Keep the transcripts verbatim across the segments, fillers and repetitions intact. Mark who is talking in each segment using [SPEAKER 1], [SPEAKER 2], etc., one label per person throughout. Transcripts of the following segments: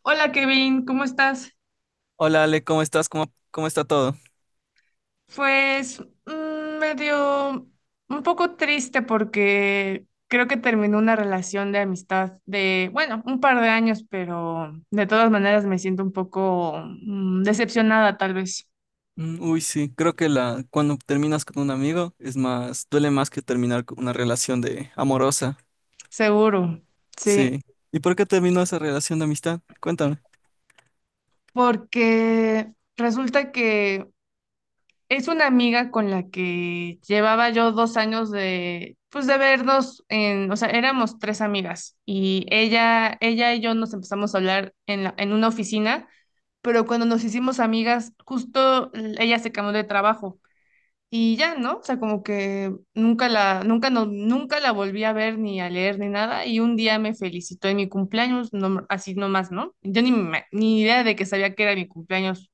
[SPEAKER 1] Hola Kevin, ¿cómo estás?
[SPEAKER 2] Hola Ale, ¿cómo estás? ¿Cómo, cómo está todo?
[SPEAKER 1] Pues mm, medio un poco triste porque creo que terminó una relación de amistad de, bueno, un par de años, pero de todas maneras me siento un poco mm, decepcionada tal vez,
[SPEAKER 2] Mm, Uy, sí, creo que la, cuando terminas con un amigo es más, duele más que terminar con una relación de amorosa.
[SPEAKER 1] seguro, sí,
[SPEAKER 2] Sí. ¿Y por qué terminó esa relación de amistad? Cuéntame.
[SPEAKER 1] porque resulta que es una amiga con la que llevaba yo dos años de, pues de vernos en, o sea, éramos tres amigas y ella, ella y yo nos empezamos a hablar en la- en una oficina, pero cuando nos hicimos amigas, justo ella se cambió de trabajo y ya, ¿no? O sea, como que nunca la, nunca no, nunca la volví a ver ni a leer ni nada y un día me felicitó en mi cumpleaños, no, así nomás, ¿no? Yo ni, me- ni idea de que sabía que era mi cumpleaños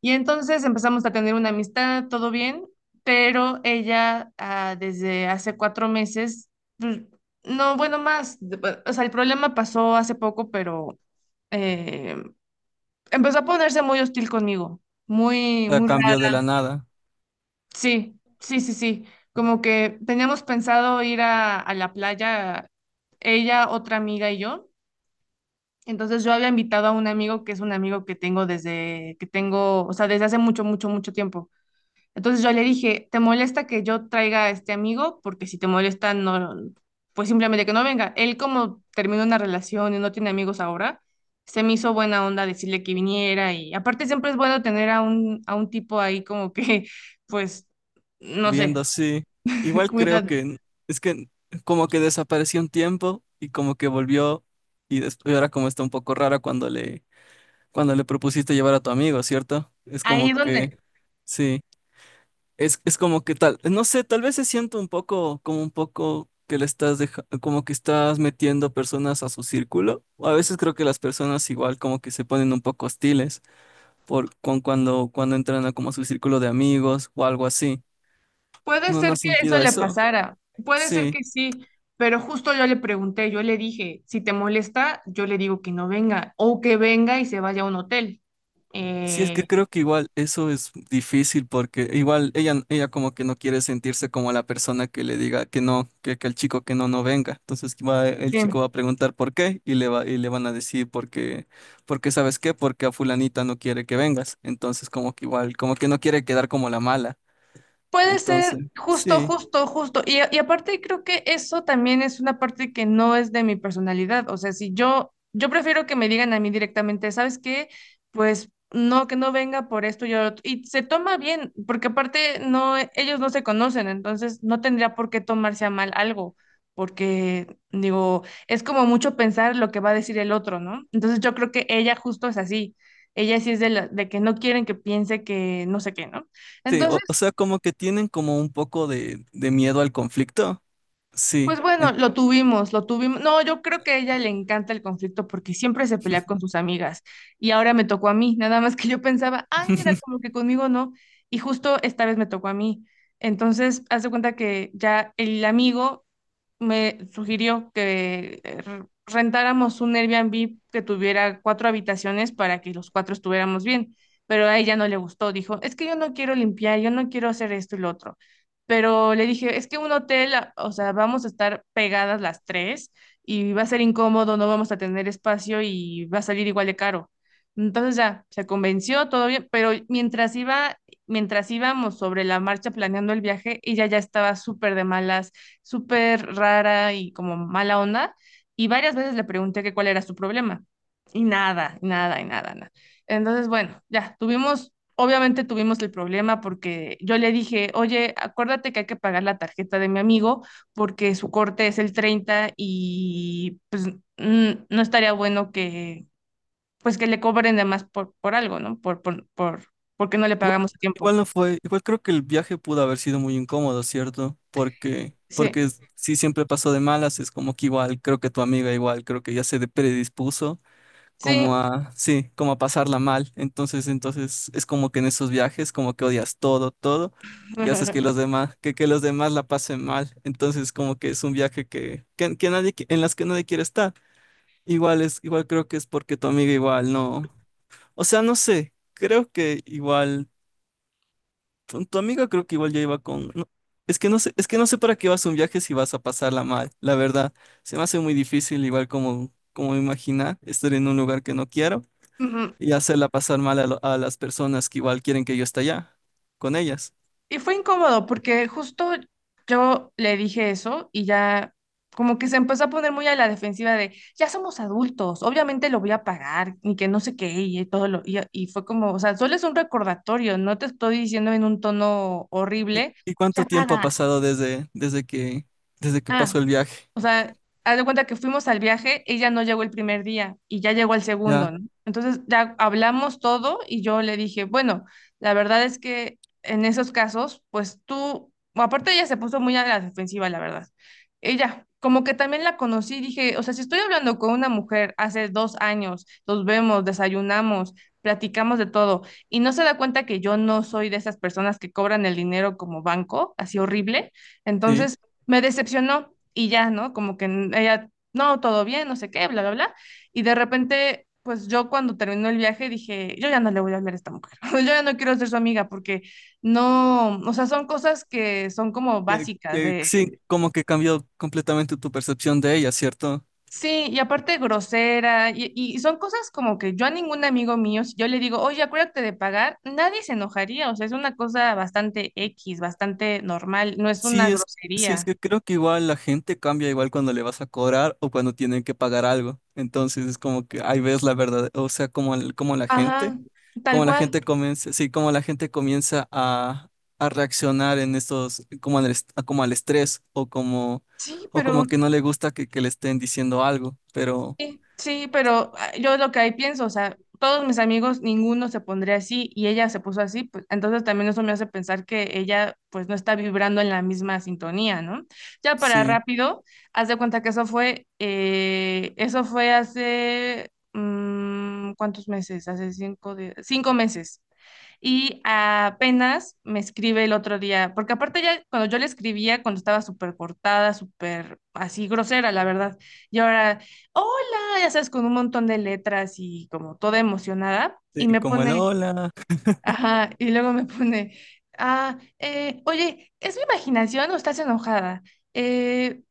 [SPEAKER 1] y entonces empezamos a tener una amistad, todo bien, pero ella ah, desde hace cuatro meses, pues, no, bueno, más, de- pues, o sea, el problema pasó hace poco, pero eh, empezó a ponerse muy hostil conmigo, muy,
[SPEAKER 2] La
[SPEAKER 1] muy
[SPEAKER 2] cambió de
[SPEAKER 1] raro.
[SPEAKER 2] la nada,
[SPEAKER 1] Sí, sí, sí, sí. Como que teníamos pensado ir a, a la playa, ella, otra amiga y yo. Entonces yo había invitado a un amigo que es un amigo que tengo desde que tengo, o sea, desde hace mucho, mucho, mucho tiempo. Entonces yo le dije, ¿te molesta que yo traiga a este amigo? Porque si te molesta, no, pues simplemente que no venga. Él como terminó una relación y no tiene amigos ahora, se me hizo buena onda decirle que viniera y aparte siempre es bueno tener a un, a un tipo ahí como que, pues, no sé,
[SPEAKER 2] viendo así. Igual creo
[SPEAKER 1] cuidado.
[SPEAKER 2] que es que como que desapareció un tiempo y como que volvió y después ahora como está un poco rara cuando le, cuando le propusiste llevar a tu amigo, ¿cierto? Es
[SPEAKER 1] Ahí
[SPEAKER 2] como que,
[SPEAKER 1] donde
[SPEAKER 2] sí. Es, es como que tal, no sé, tal vez se siente un poco, como un poco que le estás deja- como que estás metiendo personas a su círculo. O a veces creo que las personas igual como que se ponen un poco hostiles por con cuando, cuando entran a como a su círculo de amigos o algo así.
[SPEAKER 1] puede
[SPEAKER 2] ¿No, no
[SPEAKER 1] ser
[SPEAKER 2] has
[SPEAKER 1] que eso
[SPEAKER 2] sentido
[SPEAKER 1] le
[SPEAKER 2] eso?
[SPEAKER 1] pasara, puede ser
[SPEAKER 2] Sí.
[SPEAKER 1] que sí. Pero justo yo le pregunté, yo le dije, si te molesta, yo le digo que no venga o que venga y se vaya a un hotel.
[SPEAKER 2] Sí, es que
[SPEAKER 1] Eh,
[SPEAKER 2] creo que igual eso es difícil porque igual ella, ella como que no quiere sentirse como la persona que le diga que no, que, que el chico que no, no venga. Entonces va, el
[SPEAKER 1] Sí,
[SPEAKER 2] chico va a preguntar por qué y le va, y le van a decir porque, porque ¿sabes qué? Porque a fulanita no quiere que vengas. Entonces como que igual, como que no quiere quedar como la mala.
[SPEAKER 1] puede ser
[SPEAKER 2] Entonces,
[SPEAKER 1] justo,
[SPEAKER 2] sí,
[SPEAKER 1] justo, justo. Y, a- y aparte creo que eso también es una parte que no es de mi personalidad. O sea, si yo, yo prefiero que me digan a mí directamente, ¿sabes qué? Pues no, que no venga por esto y, otro". Y se toma bien, porque aparte no, ellos no se conocen, entonces no tendría por qué tomarse a mal algo, porque digo, es como mucho pensar lo que va a decir el otro, ¿no? Entonces yo creo que ella justo es así. Ella sí es de, la- de que no quieren que piense que no sé qué, ¿no?
[SPEAKER 2] sí, o, o
[SPEAKER 1] Entonces...
[SPEAKER 2] sea, como que tienen como un poco de, de miedo al conflicto. Sí.
[SPEAKER 1] Pues
[SPEAKER 2] en-
[SPEAKER 1] bueno, lo tuvimos, lo tuvimos. No, yo creo que a ella le encanta el conflicto porque siempre se pelea con sus amigas y ahora me tocó a mí, nada más que yo pensaba, ay, mira, como que conmigo no, y justo esta vez me tocó a mí. Entonces, haz de cuenta que ya el amigo me sugirió que eh, re- rentáramos un Airbnb que tuviera cuatro habitaciones para que los cuatro estuviéramos bien, pero a ella no le gustó, dijo, es que yo no quiero limpiar, yo no quiero hacer esto y lo otro, pero le dije, es que un hotel, a- o sea, vamos a estar pegadas las tres y va a ser incómodo, no vamos a tener espacio y va a salir igual de caro. Entonces ya, se convenció, todo bien, pero mientras iba, mientras íbamos sobre la marcha planeando el viaje, ella ya estaba súper de malas, súper rara y como mala onda, y varias veces le pregunté que cuál era su problema, y nada, nada, y nada, nada. Entonces, bueno, ya, tuvimos Obviamente tuvimos el problema porque yo le dije, oye, acuérdate que hay que pagar la tarjeta de mi amigo porque su corte es el treinta y pues mm, no estaría bueno que pues que le cobren de más por, por algo, ¿no? Por, por, por, porque no le
[SPEAKER 2] Igual,
[SPEAKER 1] pagamos a tiempo.
[SPEAKER 2] igual no fue, igual creo que el viaje pudo haber sido muy incómodo, ¿cierto? Porque,
[SPEAKER 1] Sí,
[SPEAKER 2] porque es- si siempre pasó de malas, es como que igual, creo que tu amiga igual, creo que ya se de- predispuso
[SPEAKER 1] sí.
[SPEAKER 2] como a, sí, como a pasarla mal. Entonces, entonces es como que en esos viajes como que odias todo, todo, y haces que los demás, que, que los demás la pasen mal. Entonces, como que es un viaje que, que, que nadie, qui- en las que nadie quiere estar. Igual es, igual creo que es porque tu amiga igual no, o sea, no sé. Creo que igual tu, tu amiga creo que igual ya iba con... no, es que no sé, es que no sé para qué vas a un viaje si vas a pasarla mal, la verdad. Se me hace muy difícil, igual como, como imaginar, estar en un lugar que no quiero
[SPEAKER 1] Ujú.
[SPEAKER 2] y hacerla pasar mal a, lo- a las personas que igual quieren que yo esté allá, con ellas.
[SPEAKER 1] Y fue incómodo porque justo yo le dije eso y ya como que se empezó a poner muy a la defensiva de, ya somos adultos, obviamente lo voy a pagar y que no sé qué y todo lo, y, y fue como, o sea, solo es un recordatorio, no te estoy diciendo en un tono
[SPEAKER 2] ¿Y,
[SPEAKER 1] horrible,
[SPEAKER 2] y cuánto
[SPEAKER 1] ya
[SPEAKER 2] tiempo ha
[SPEAKER 1] paga.
[SPEAKER 2] pasado desde, desde que, desde que
[SPEAKER 1] Ah,
[SPEAKER 2] pasó el viaje?
[SPEAKER 1] o sea, haz de cuenta que fuimos al viaje, ella no llegó el primer día y ya llegó el
[SPEAKER 2] Ya,
[SPEAKER 1] segundo, ¿no? Entonces ya hablamos todo y yo le dije, bueno, la verdad es que en esos casos, pues tú, bueno, aparte ella se puso muy a la defensiva, la verdad. Ella, como que también la conocí, dije, o sea, si estoy hablando con una mujer hace dos años, nos vemos, desayunamos, platicamos de todo y no se da cuenta que yo no soy de esas personas que cobran el dinero como banco, así horrible,
[SPEAKER 2] sí.
[SPEAKER 1] entonces me decepcionó y ya, ¿no? Como que ella, no, todo bien, no sé qué, bla, bla, bla. Y de repente, pues yo cuando terminó el viaje dije, yo ya no le voy a hablar a esta mujer, yo ya no quiero ser su amiga porque no, o sea, son cosas que son como
[SPEAKER 2] Que-
[SPEAKER 1] básicas
[SPEAKER 2] que sí,
[SPEAKER 1] de,
[SPEAKER 2] como que cambió completamente tu percepción de ella, ¿cierto?
[SPEAKER 1] sí, y aparte grosera, y, y son cosas como que yo a ningún amigo mío, si yo le digo, oye, acuérdate de pagar, nadie se enojaría, o sea, es una cosa bastante X, bastante normal, no es una
[SPEAKER 2] Sí, es, sí, es
[SPEAKER 1] grosería.
[SPEAKER 2] que creo que igual la gente cambia igual cuando le vas a cobrar o cuando tienen que pagar algo. Entonces es como que ahí ves la verdad, o sea, como, el- como la gente,
[SPEAKER 1] Ajá, tal
[SPEAKER 2] como la
[SPEAKER 1] cual.
[SPEAKER 2] gente comienza, sí, como la gente comienza a, a reaccionar en estos, como al, est- como al estrés o como,
[SPEAKER 1] Sí,
[SPEAKER 2] o
[SPEAKER 1] pero
[SPEAKER 2] como que no le gusta que, que le estén diciendo algo, pero
[SPEAKER 1] sí, sí, pero ah, yo lo que ahí pienso, o sea, todos mis amigos, ninguno se pondría así y ella se puso así, pues entonces también eso me hace pensar que ella pues no está vibrando en la misma sintonía, ¿no? Ya para
[SPEAKER 2] sí,
[SPEAKER 1] rápido, haz de cuenta que eso fue, eh, eso fue hace, mm, ¿cuántos meses? Hace cinco, de, cinco meses. Y apenas me escribe el otro día, porque aparte ya cuando yo le escribía, cuando estaba súper cortada, súper así grosera, la verdad, y ahora... ¡Hola! No, ya sabes, con un montón de letras y como toda emocionada, y
[SPEAKER 2] sí,
[SPEAKER 1] me
[SPEAKER 2] como el
[SPEAKER 1] pone,
[SPEAKER 2] hola.
[SPEAKER 1] ajá, y luego me pone, ah, eh, oye, ¿es mi imaginación o estás enojada? Eh,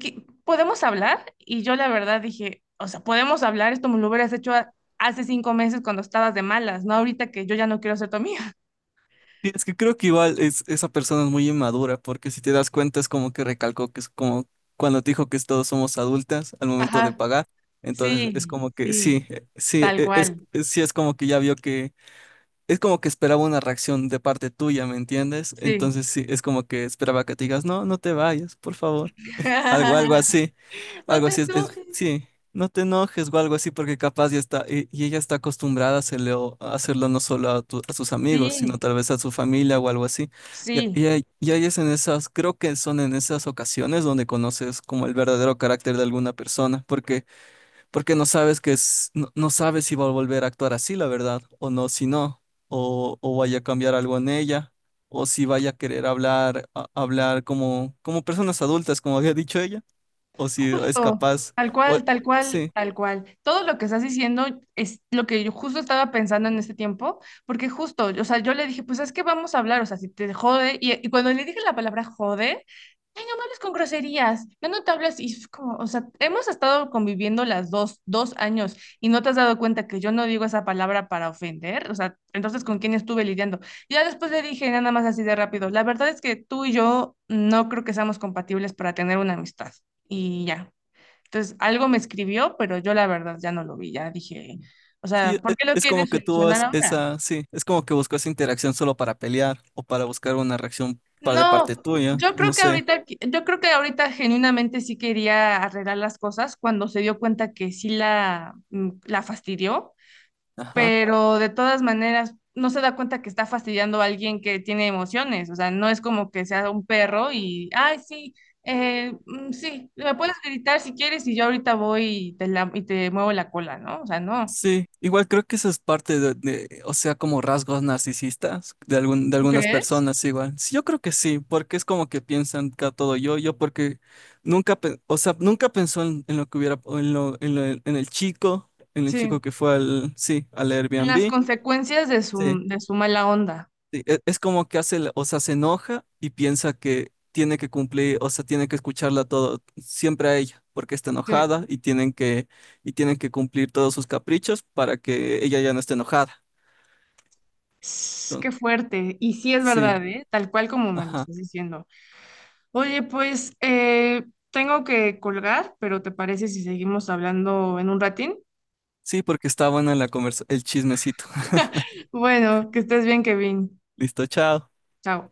[SPEAKER 1] ¿qué- ¿podemos hablar? Y yo la verdad dije, o sea, podemos hablar, esto me lo hubieras hecho a- hace cinco meses cuando estabas de malas, no ahorita que yo ya no quiero ser tu amiga.
[SPEAKER 2] Sí, es que creo que igual es, esa persona es muy inmadura, porque si te das cuenta es como que recalcó que es como cuando te dijo que todos somos adultas al momento de
[SPEAKER 1] Ajá,
[SPEAKER 2] pagar, entonces
[SPEAKER 1] sí,
[SPEAKER 2] es como que
[SPEAKER 1] sí,
[SPEAKER 2] sí, eh, sí,
[SPEAKER 1] tal
[SPEAKER 2] eh, es,
[SPEAKER 1] cual,
[SPEAKER 2] es- sí es como que ya vio que, es como que esperaba una reacción de parte tuya, ¿me entiendes?
[SPEAKER 1] sí.
[SPEAKER 2] Entonces sí, es como que esperaba que te digas, no, no te vayas, por favor. Algo, algo así.
[SPEAKER 1] No
[SPEAKER 2] Algo
[SPEAKER 1] te
[SPEAKER 2] así es, es-
[SPEAKER 1] enojes.
[SPEAKER 2] sí. No te enojes o algo así porque capaz ya está, y, y ella está acostumbrada a hacerlo, a hacerlo no solo a, tu- a sus amigos, sino
[SPEAKER 1] Sí,
[SPEAKER 2] tal vez a su familia o algo así. Y,
[SPEAKER 1] sí.
[SPEAKER 2] y ahí y ahí es en esas, creo que son en esas ocasiones donde conoces como el verdadero carácter de alguna persona, porque, porque no sabes que es, no, no sabes si va a volver a actuar así, la verdad, o no, si no, o, o vaya a cambiar algo en ella, o si vaya a querer hablar, a- hablar como, como personas adultas, como había dicho ella o si es
[SPEAKER 1] Justo,
[SPEAKER 2] capaz,
[SPEAKER 1] tal
[SPEAKER 2] o,
[SPEAKER 1] cual, tal cual,
[SPEAKER 2] sí,
[SPEAKER 1] tal cual. Todo lo que estás diciendo es lo que yo justo estaba pensando en este tiempo, porque justo, o sea, yo le dije, pues es que vamos a hablar, o sea, si te jode, y, y cuando le dije la palabra jode, ay, no me hables con groserías, ya no te hablas, y es como, o sea, hemos estado conviviendo las dos, dos años, y no te has dado cuenta que yo no digo esa palabra para ofender, o sea, entonces, ¿con quién estuve lidiando? Ya después le dije nada más así de rápido, la verdad es que tú y yo no creo que seamos compatibles para tener una amistad y ya. Entonces, algo me escribió, pero yo la verdad ya no lo vi, ya dije, o
[SPEAKER 2] sí,
[SPEAKER 1] sea,
[SPEAKER 2] e-
[SPEAKER 1] ¿por qué lo
[SPEAKER 2] es como
[SPEAKER 1] quieres
[SPEAKER 2] que tuvo
[SPEAKER 1] solucionar
[SPEAKER 2] es-
[SPEAKER 1] ahora?
[SPEAKER 2] esa, sí, es como que buscó esa interacción solo para pelear o para buscar una reacción pa- de parte
[SPEAKER 1] No,
[SPEAKER 2] tuya,
[SPEAKER 1] yo creo
[SPEAKER 2] no
[SPEAKER 1] que
[SPEAKER 2] sé,
[SPEAKER 1] ahorita, yo creo que ahorita genuinamente sí quería arreglar las cosas cuando se dio cuenta que sí la, mm, la fastidió,
[SPEAKER 2] ajá.
[SPEAKER 1] pero de todas maneras no se da cuenta que está fastidiando a alguien que tiene emociones, o sea, no es como que sea un perro y, ay, sí. Eh, mm, sí, me puedes gritar si quieres y yo ahorita voy y te, la- y te muevo la cola, ¿no? O sea, no.
[SPEAKER 2] Sí, igual creo que eso es parte de, de, o sea, como rasgos narcisistas de algún, de
[SPEAKER 1] ¿Tú
[SPEAKER 2] algunas
[SPEAKER 1] crees?
[SPEAKER 2] personas igual. Sí, yo creo que sí, porque es como que piensan que a todo yo, yo porque nunca, pe- o sea, nunca pensó en, en lo que hubiera, en lo, en lo- en el chico, en el
[SPEAKER 1] Sí,
[SPEAKER 2] chico que fue al, sí, al
[SPEAKER 1] las
[SPEAKER 2] Airbnb.
[SPEAKER 1] consecuencias de su,
[SPEAKER 2] Sí.
[SPEAKER 1] de su mala onda.
[SPEAKER 2] Sí, e- Es como que hace, la- o sea, se enoja y piensa que tiene que cumplir, o sea, tiene que escucharla todo, siempre a ella, porque está
[SPEAKER 1] Sí.
[SPEAKER 2] enojada y tienen que, y tienen que cumplir todos sus caprichos para que ella ya no esté enojada.
[SPEAKER 1] Sss, qué
[SPEAKER 2] Entonces,
[SPEAKER 1] fuerte. Y sí es
[SPEAKER 2] sí,
[SPEAKER 1] verdad, ¿eh? Tal cual como me lo
[SPEAKER 2] ajá.
[SPEAKER 1] estás diciendo. Oye, pues eh, tengo que colgar, pero ¿te parece si seguimos hablando en un ratín?
[SPEAKER 2] Sí, porque está buena la conversa, el chismecito.
[SPEAKER 1] Bueno, que estés bien, Kevin.
[SPEAKER 2] Listo, chao.
[SPEAKER 1] Chao.